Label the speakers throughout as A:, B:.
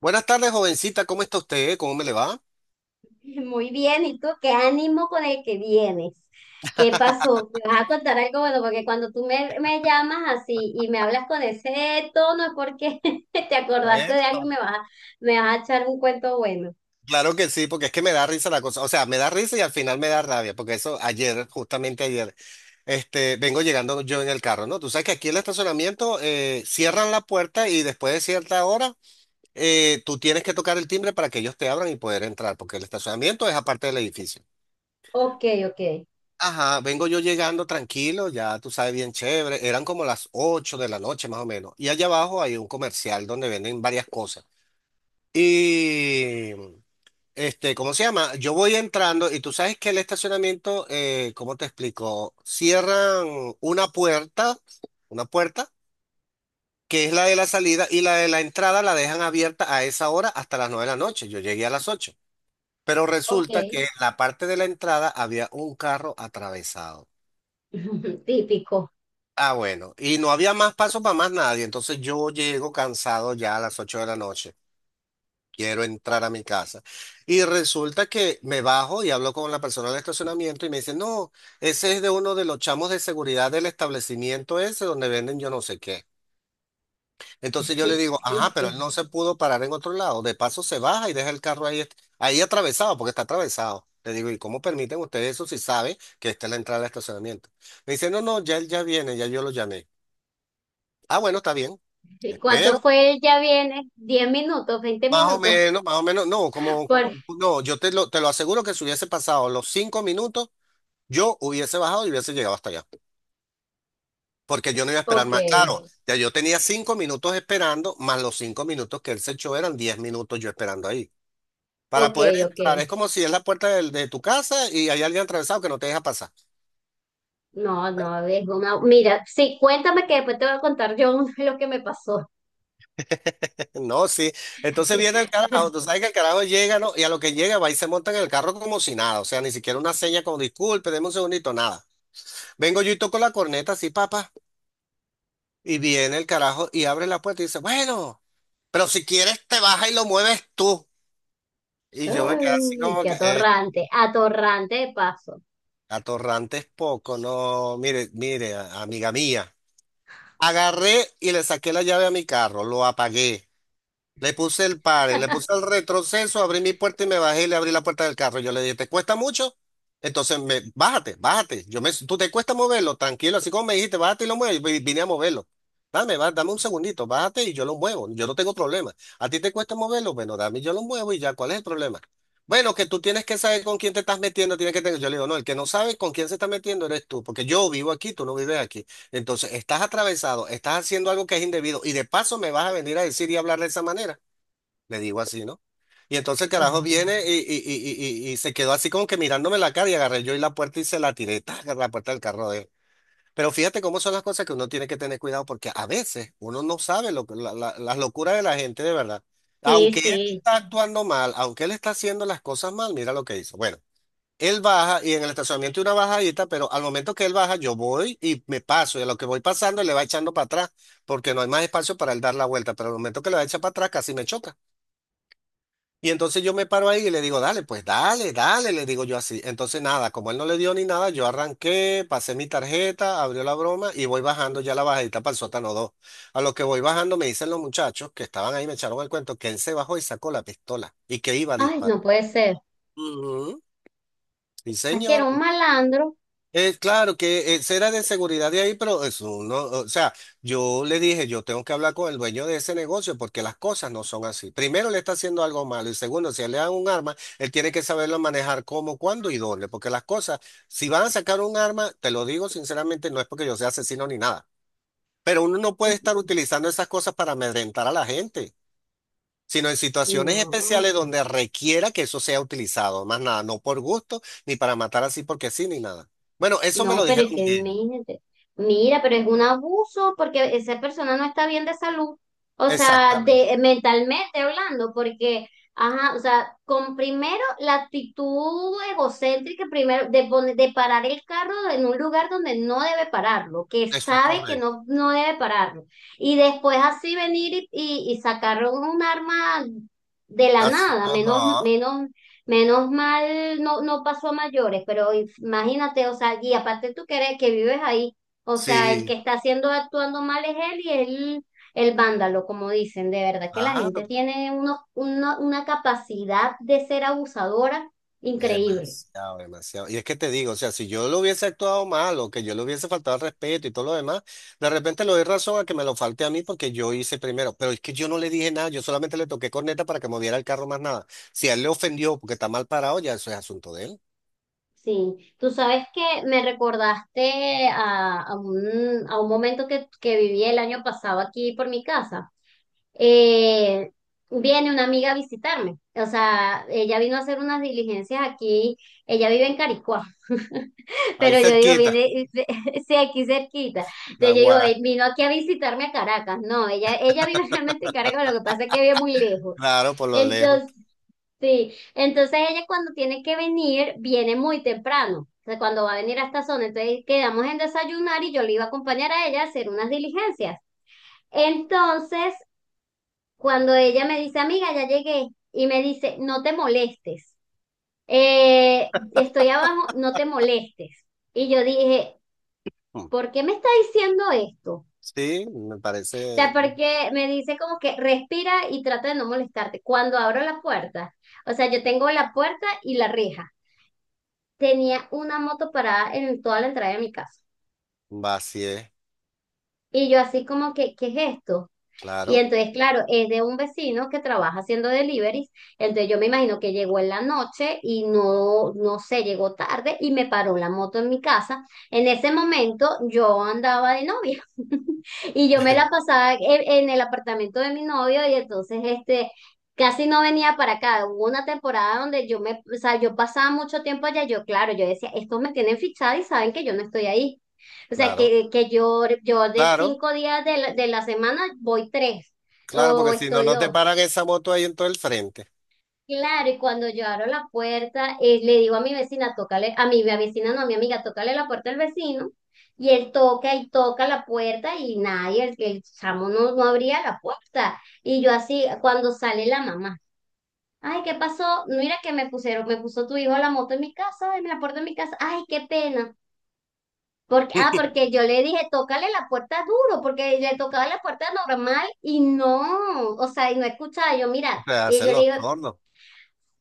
A: Buenas tardes, jovencita. ¿Cómo está usted? ¿Cómo me le va?
B: Muy bien, ¿y tú qué ánimo con el que vienes? ¿Qué pasó? ¿Me vas a contar algo bueno? Porque cuando tú me llamas así y me hablas con ese tono es porque te acordaste
A: Bueno,
B: de algo y me vas, me vas a echar un cuento bueno.
A: claro que sí, porque es que me da risa la cosa. O sea, me da risa y al final me da rabia, porque eso ayer, justamente ayer, vengo llegando yo en el carro, ¿no? Tú sabes que aquí el estacionamiento cierran la puerta y después de cierta hora tú tienes que tocar el timbre para que ellos te abran y poder entrar, porque el estacionamiento es aparte del edificio.
B: Ok, ok,
A: Ajá, vengo yo llegando tranquilo, ya tú sabes, bien chévere. Eran como las 8 de la noche, más o menos. Y allá abajo hay un comercial donde venden varias cosas. Y, ¿cómo se llama? Yo voy entrando y tú sabes que el estacionamiento, ¿cómo te explico? Cierran una puerta, una puerta, que es la de la salida, y la de la entrada la dejan abierta a esa hora hasta las 9 de la noche. Yo llegué a las 8, pero
B: ok.
A: resulta que en la parte de la entrada había un carro atravesado.
B: Típico.
A: Ah, bueno, y no había más paso para más nadie, entonces yo llego cansado ya a las 8 de la noche. Quiero entrar a mi casa. Y resulta que me bajo y hablo con la persona del estacionamiento y me dice, no, ese es de uno de los chamos de seguridad del establecimiento ese donde venden yo no sé qué. Entonces yo le digo,
B: ¿Y
A: ajá, pero
B: tú?
A: él no se pudo parar en otro lado. De paso se baja y deja el carro ahí, ahí atravesado, porque está atravesado. Le digo, ¿y cómo permiten ustedes eso si sabe que esta es la entrada al estacionamiento? Me dice, no, no, ya él ya viene, ya yo lo llamé. Ah, bueno, está bien.
B: ¿Y
A: Espero.
B: cuánto fue el ya viene? ¿Diez minutos? ¿Veinte minutos?
A: Más o menos, no,
B: Por...
A: no, yo te lo aseguro que si hubiese pasado los 5 minutos, yo hubiese bajado y hubiese llegado hasta allá, porque yo no iba a esperar
B: Ok,
A: más. Claro, ya yo tenía 5 minutos esperando, más los 5 minutos que él se echó, eran 10 minutos yo esperando ahí. Para
B: ok,
A: poder
B: ok.
A: entrar, es como si es la puerta de tu casa y hay alguien atravesado que no te deja pasar.
B: No, no, es una... Mira, sí, cuéntame que después te voy a contar yo lo que me pasó.
A: No, sí. Entonces viene el carajo, tú sabes que el carajo llega, ¿no? Y a lo que llega, va y se monta en el carro como si nada. O sea, ni siquiera una seña, como disculpe, deme un segundito, nada. Vengo yo y toco la corneta así, papá. Y viene el carajo y abre la puerta y dice, bueno, pero si quieres, te baja y lo mueves tú. Y yo me quedé así
B: Ay,
A: como
B: qué
A: que,
B: atorrante, atorrante de paso.
A: atorrante es poco. No, mire, mire, amiga mía. Agarré y le saqué la llave a mi carro, lo apagué. Le puse el pare, le puse el retroceso, abrí mi puerta y me bajé y le abrí la puerta del carro. Yo le dije, ¿te cuesta mucho? Entonces, bájate, bájate. Tú te cuesta moverlo, tranquilo, así como me dijiste, bájate y lo muevo. Yo vine a moverlo. Dame un segundito, bájate y yo lo muevo. Yo no tengo problema. ¿A ti te cuesta moverlo? Bueno, dame, y yo lo muevo y ya. ¿Cuál es el problema? Bueno, que tú tienes que saber con quién te estás metiendo, tienes que tener. Yo le digo, no, el que no sabe con quién se está metiendo eres tú, porque yo vivo aquí, tú no vives aquí. Entonces, estás atravesado, estás haciendo algo que es indebido, y de paso me vas a venir a decir y hablar de esa manera. Le digo así, ¿no? Y entonces el
B: Ay,
A: carajo
B: no.
A: viene y se quedó así como que mirándome la cara, y agarré yo y la puerta y se la tiré, ¡tac!, a la puerta del carro de él. Pero fíjate cómo son las cosas, que uno tiene que tener cuidado porque a veces uno no sabe lo, que- la- la- las locuras de la gente, de verdad.
B: Sí,
A: Aunque él
B: sí.
A: está actuando mal, aunque él está haciendo las cosas mal, mira lo que hizo. Bueno. Él baja, y en el estacionamiento hay una bajadita, pero al momento que él baja, yo voy y me paso. Y a lo que voy pasando, él le va echando para atrás, porque no hay más espacio para él dar la vuelta. Pero al momento que le va a echar para atrás, casi me choca. Y entonces yo me paro ahí y le digo, dale, pues dale, dale, le digo yo así. Entonces nada, como él no le dio ni nada, yo arranqué, pasé mi tarjeta, abrió la broma y voy bajando ya la bajadita para el sótano dos. A lo que voy bajando, me dicen los muchachos que estaban ahí, me echaron el cuento, que él se bajó y sacó la pistola y que iba a
B: Ay,
A: disparar.
B: no puede ser. O
A: Ujú. Sí,
B: sea, que era
A: señor.
B: un malandro.
A: Claro que será de seguridad de ahí, pero eso no, o sea, yo le dije, yo tengo que hablar con el dueño de ese negocio, porque las cosas no son así. Primero, le está haciendo algo malo, y segundo, si le dan un arma, él tiene que saberlo manejar cómo, cuándo y dónde, porque las cosas, si van a sacar un arma, te lo digo sinceramente, no es porque yo sea asesino ni nada, pero uno no puede estar utilizando esas cosas para amedrentar a la gente, sino en situaciones especiales
B: No.
A: donde requiera que eso sea utilizado, más nada, no por gusto, ni para matar así porque sí, ni nada. Bueno, eso me
B: No,
A: lo
B: pero
A: dijeron
B: es que
A: ellos.
B: imagínate. Mira, pero es un abuso porque esa persona no está bien de salud. O sea,
A: Exactamente,
B: de, mentalmente hablando, porque, ajá, o sea, con primero la actitud egocéntrica, primero de, de parar el carro en un lugar donde no debe pararlo, que
A: eso es
B: sabe que
A: correcto.
B: no, no debe pararlo. Y después así venir y sacar un arma de la
A: Así,
B: nada, menos,
A: ajá,
B: menos. Menos mal no, no pasó a mayores, pero imagínate, o sea, y aparte tú que que vives ahí, o sea, el que
A: sí,
B: está haciendo actuando mal es él y él el vándalo, como dicen, de verdad que la gente
A: claro,
B: tiene una capacidad de ser abusadora increíble.
A: demasiado, demasiado. Y es que te digo, o sea, si yo lo hubiese actuado mal, o que yo le hubiese faltado al respeto y todo lo demás, de repente le doy razón a que me lo falte a mí porque yo hice primero. Pero es que yo no le dije nada, yo solamente le toqué corneta para que moviera el carro, más nada. Si a él le ofendió porque está mal parado, ya eso es asunto de él.
B: Sí, tú sabes que me recordaste a un momento que viví el año pasado aquí por mi casa. eh, Viene una amiga a visitarme. O sea, ella vino a hacer unas diligencias aquí. Ella vive en Caricuá,
A: Ahí
B: pero yo digo,
A: cerquita,
B: viene, sí, aquí cerquita.
A: la
B: Entonces yo digo,
A: Guara,
B: vino aquí a visitarme a Caracas. No, ella vive realmente en Caracas, lo que pasa es que vive muy lejos.
A: claro, por lo lejos.
B: Entonces, sí, entonces ella cuando tiene que venir, viene muy temprano. O sea, cuando va a venir a esta zona, entonces quedamos en desayunar y yo le iba a acompañar a ella a hacer unas diligencias. Entonces, cuando ella me dice, amiga, ya llegué, y me dice, no te molestes, estoy abajo, no te molestes. Y yo dije,
A: Mm.
B: ¿por qué me está diciendo esto? O
A: Sí, me parece
B: sea, porque me dice como que respira y trata de no molestarte. Cuando abro la puerta, o sea, yo tengo la puerta y la reja. Tenía una moto parada en toda la entrada de mi casa.
A: vacío,
B: Y yo así como que, ¿qué es esto? Y
A: claro,
B: entonces, claro, es de un vecino que trabaja haciendo deliveries. Entonces, yo me imagino que llegó en la noche y no, no sé, llegó tarde y me paró la moto en mi casa. En ese momento, yo andaba de novia y yo me la pasaba en el apartamento de mi novio y entonces, este, casi no venía para acá. Hubo una temporada donde yo me, o sea, yo pasaba mucho tiempo allá. Yo, claro, yo decía, estos me tienen fichada y saben que yo no estoy ahí. O sea,
A: claro,
B: que yo de
A: claro,
B: 5 días de la semana voy tres
A: claro,
B: o
A: porque si no,
B: estoy
A: no te
B: dos.
A: paran esa moto ahí en todo el frente.
B: Claro, y cuando yo abro la puerta, le digo a mi vecina, tócale, a mi vecina no, a mi amiga, tócale la puerta al vecino. Y él toca y toca la puerta y nadie, el chamo no, no abría la puerta. Y yo así, cuando sale la mamá, ay, ¿qué pasó? Mira que me pusieron, me puso tu hijo la moto en mi casa, en la puerta de mi casa. Ay, qué pena. Porque, ah, porque yo le dije, tócale la puerta duro, porque le tocaba la puerta normal y no, o sea, y no escuchaba. Yo,
A: O
B: mira,
A: sea,
B: y
A: hacen
B: yo le
A: los
B: digo,
A: tornos.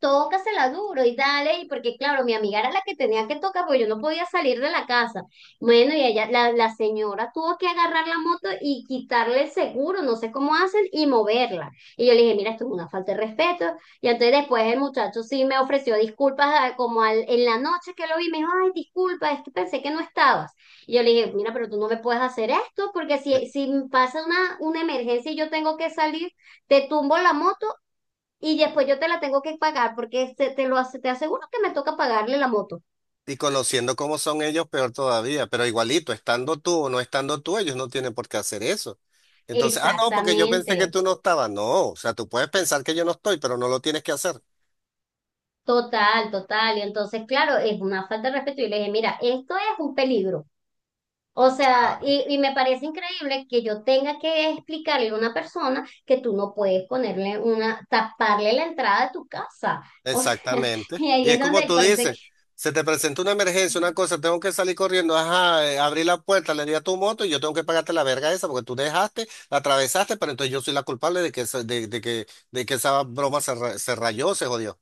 B: tócasela duro y dale, y porque claro, mi amiga era la que tenía que tocar, porque yo no podía salir de la casa. Bueno, y ella, la señora tuvo que agarrar la moto y quitarle el seguro, no sé cómo hacen, y moverla. Y yo le dije, mira, esto es una falta de respeto. Y entonces después el muchacho sí me ofreció disculpas ah, como en la noche que lo vi, me dijo, ay, disculpa, es que pensé que no estabas. Y yo le dije, mira, pero tú no me puedes hacer esto, porque
A: Eh,
B: si, si pasa una emergencia y yo tengo que salir, te tumbo la moto y después yo te la tengo que pagar porque te aseguro que me toca pagarle la moto.
A: Y conociendo cómo son ellos, peor todavía. Pero igualito, estando tú o no estando tú, ellos no tienen por qué hacer eso. Entonces, ah, no, porque yo pensé que
B: Exactamente.
A: tú no estabas. No, o sea, tú puedes pensar que yo no estoy, pero no lo tienes que hacer.
B: Total, total. Y entonces, claro, es una falta de respeto. Y le dije, mira, esto es un peligro. O sea, y me parece increíble que yo tenga que explicarle a una persona que tú no puedes ponerle una, taparle la entrada de tu casa. O sea,
A: Exactamente.
B: y ahí
A: Y es
B: es
A: como
B: donde
A: tú
B: parece.
A: dices, se te presenta una emergencia, una cosa, tengo que salir corriendo, ajá, abrí la puerta, le di a tu moto y yo tengo que pagarte la verga esa porque tú dejaste, la atravesaste, pero entonces yo soy la culpable de que, de de que esa broma se, se rayó, se jodió.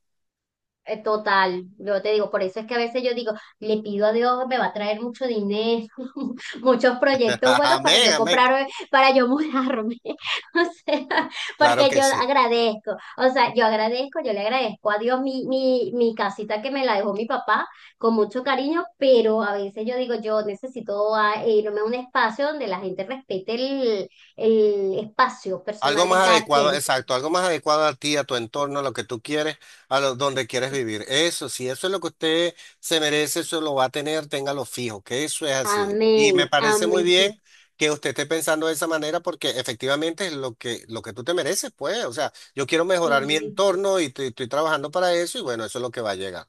B: Total, yo te digo, por eso es que a veces yo digo, le pido a Dios, me va a traer mucho dinero, muchos proyectos buenos para
A: Amén,
B: yo
A: amén.
B: comprar, para yo mudarme, o sea,
A: Claro
B: porque yo
A: que sí.
B: agradezco, o sea, yo agradezco, yo le agradezco a Dios mi casita que me la dejó mi papá con mucho cariño, pero a veces yo digo, yo necesito ah, e irme a un espacio donde la gente respete el espacio
A: Algo
B: personal de
A: más
B: cada
A: adecuado,
B: quien.
A: exacto, algo más adecuado a ti, a tu entorno, a lo que tú quieres, donde quieres vivir. Eso, si eso es lo que usted se merece, eso lo va a tener, téngalo fijo, que eso es así. Y me
B: Amén,
A: parece muy
B: amén,
A: bien que usted esté pensando de esa manera, porque efectivamente es lo que tú te mereces, pues. O sea, yo quiero mejorar mi
B: sí.
A: entorno y estoy trabajando para eso, y bueno, eso es lo que va a llegar.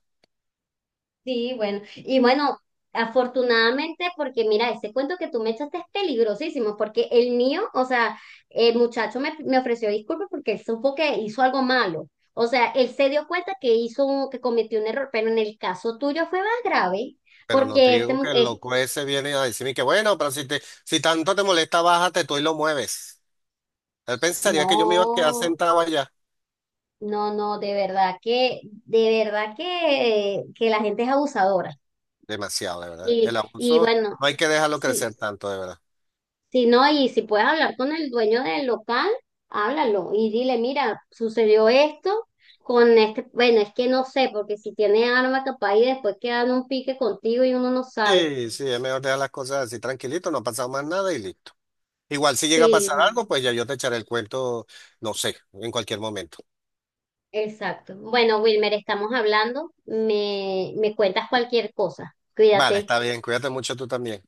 B: Sí, bueno, y bueno, afortunadamente, porque mira, ese cuento que tú me echaste es peligrosísimo, porque el mío, o sea, el muchacho me ofreció disculpas porque él supo que hizo algo malo. O sea, él se dio cuenta que hizo que cometió un error, pero en el caso tuyo fue más grave,
A: Pero no te
B: porque este,
A: digo que el loco ese viene a decirme que bueno, pero si tanto te molesta, bájate tú y lo mueves. Él pensaría que yo me iba a quedar
B: no,
A: sentado allá.
B: no, no, de verdad que, de verdad que la gente es abusadora.
A: Demasiado, de verdad. El
B: Y
A: abuso
B: bueno,
A: no hay que dejarlo
B: sí.
A: crecer tanto, de verdad.
B: Si no, y si puedes hablar con el dueño del local, háblalo y dile, mira, sucedió esto con este, bueno, es que no sé, porque si tiene arma capaz y después quedan un pique contigo y uno no sabe.
A: Sí, sí, es mejor dejar las cosas así tranquilito, no ha pasado más nada y listo. Igual si llega a pasar
B: Sí,
A: algo, pues ya yo te echaré el cuento, no sé, en cualquier momento.
B: exacto. Bueno, Wilmer, estamos hablando, me cuentas cualquier cosa.
A: Vale,
B: Cuídate.
A: está bien, cuídate mucho tú también.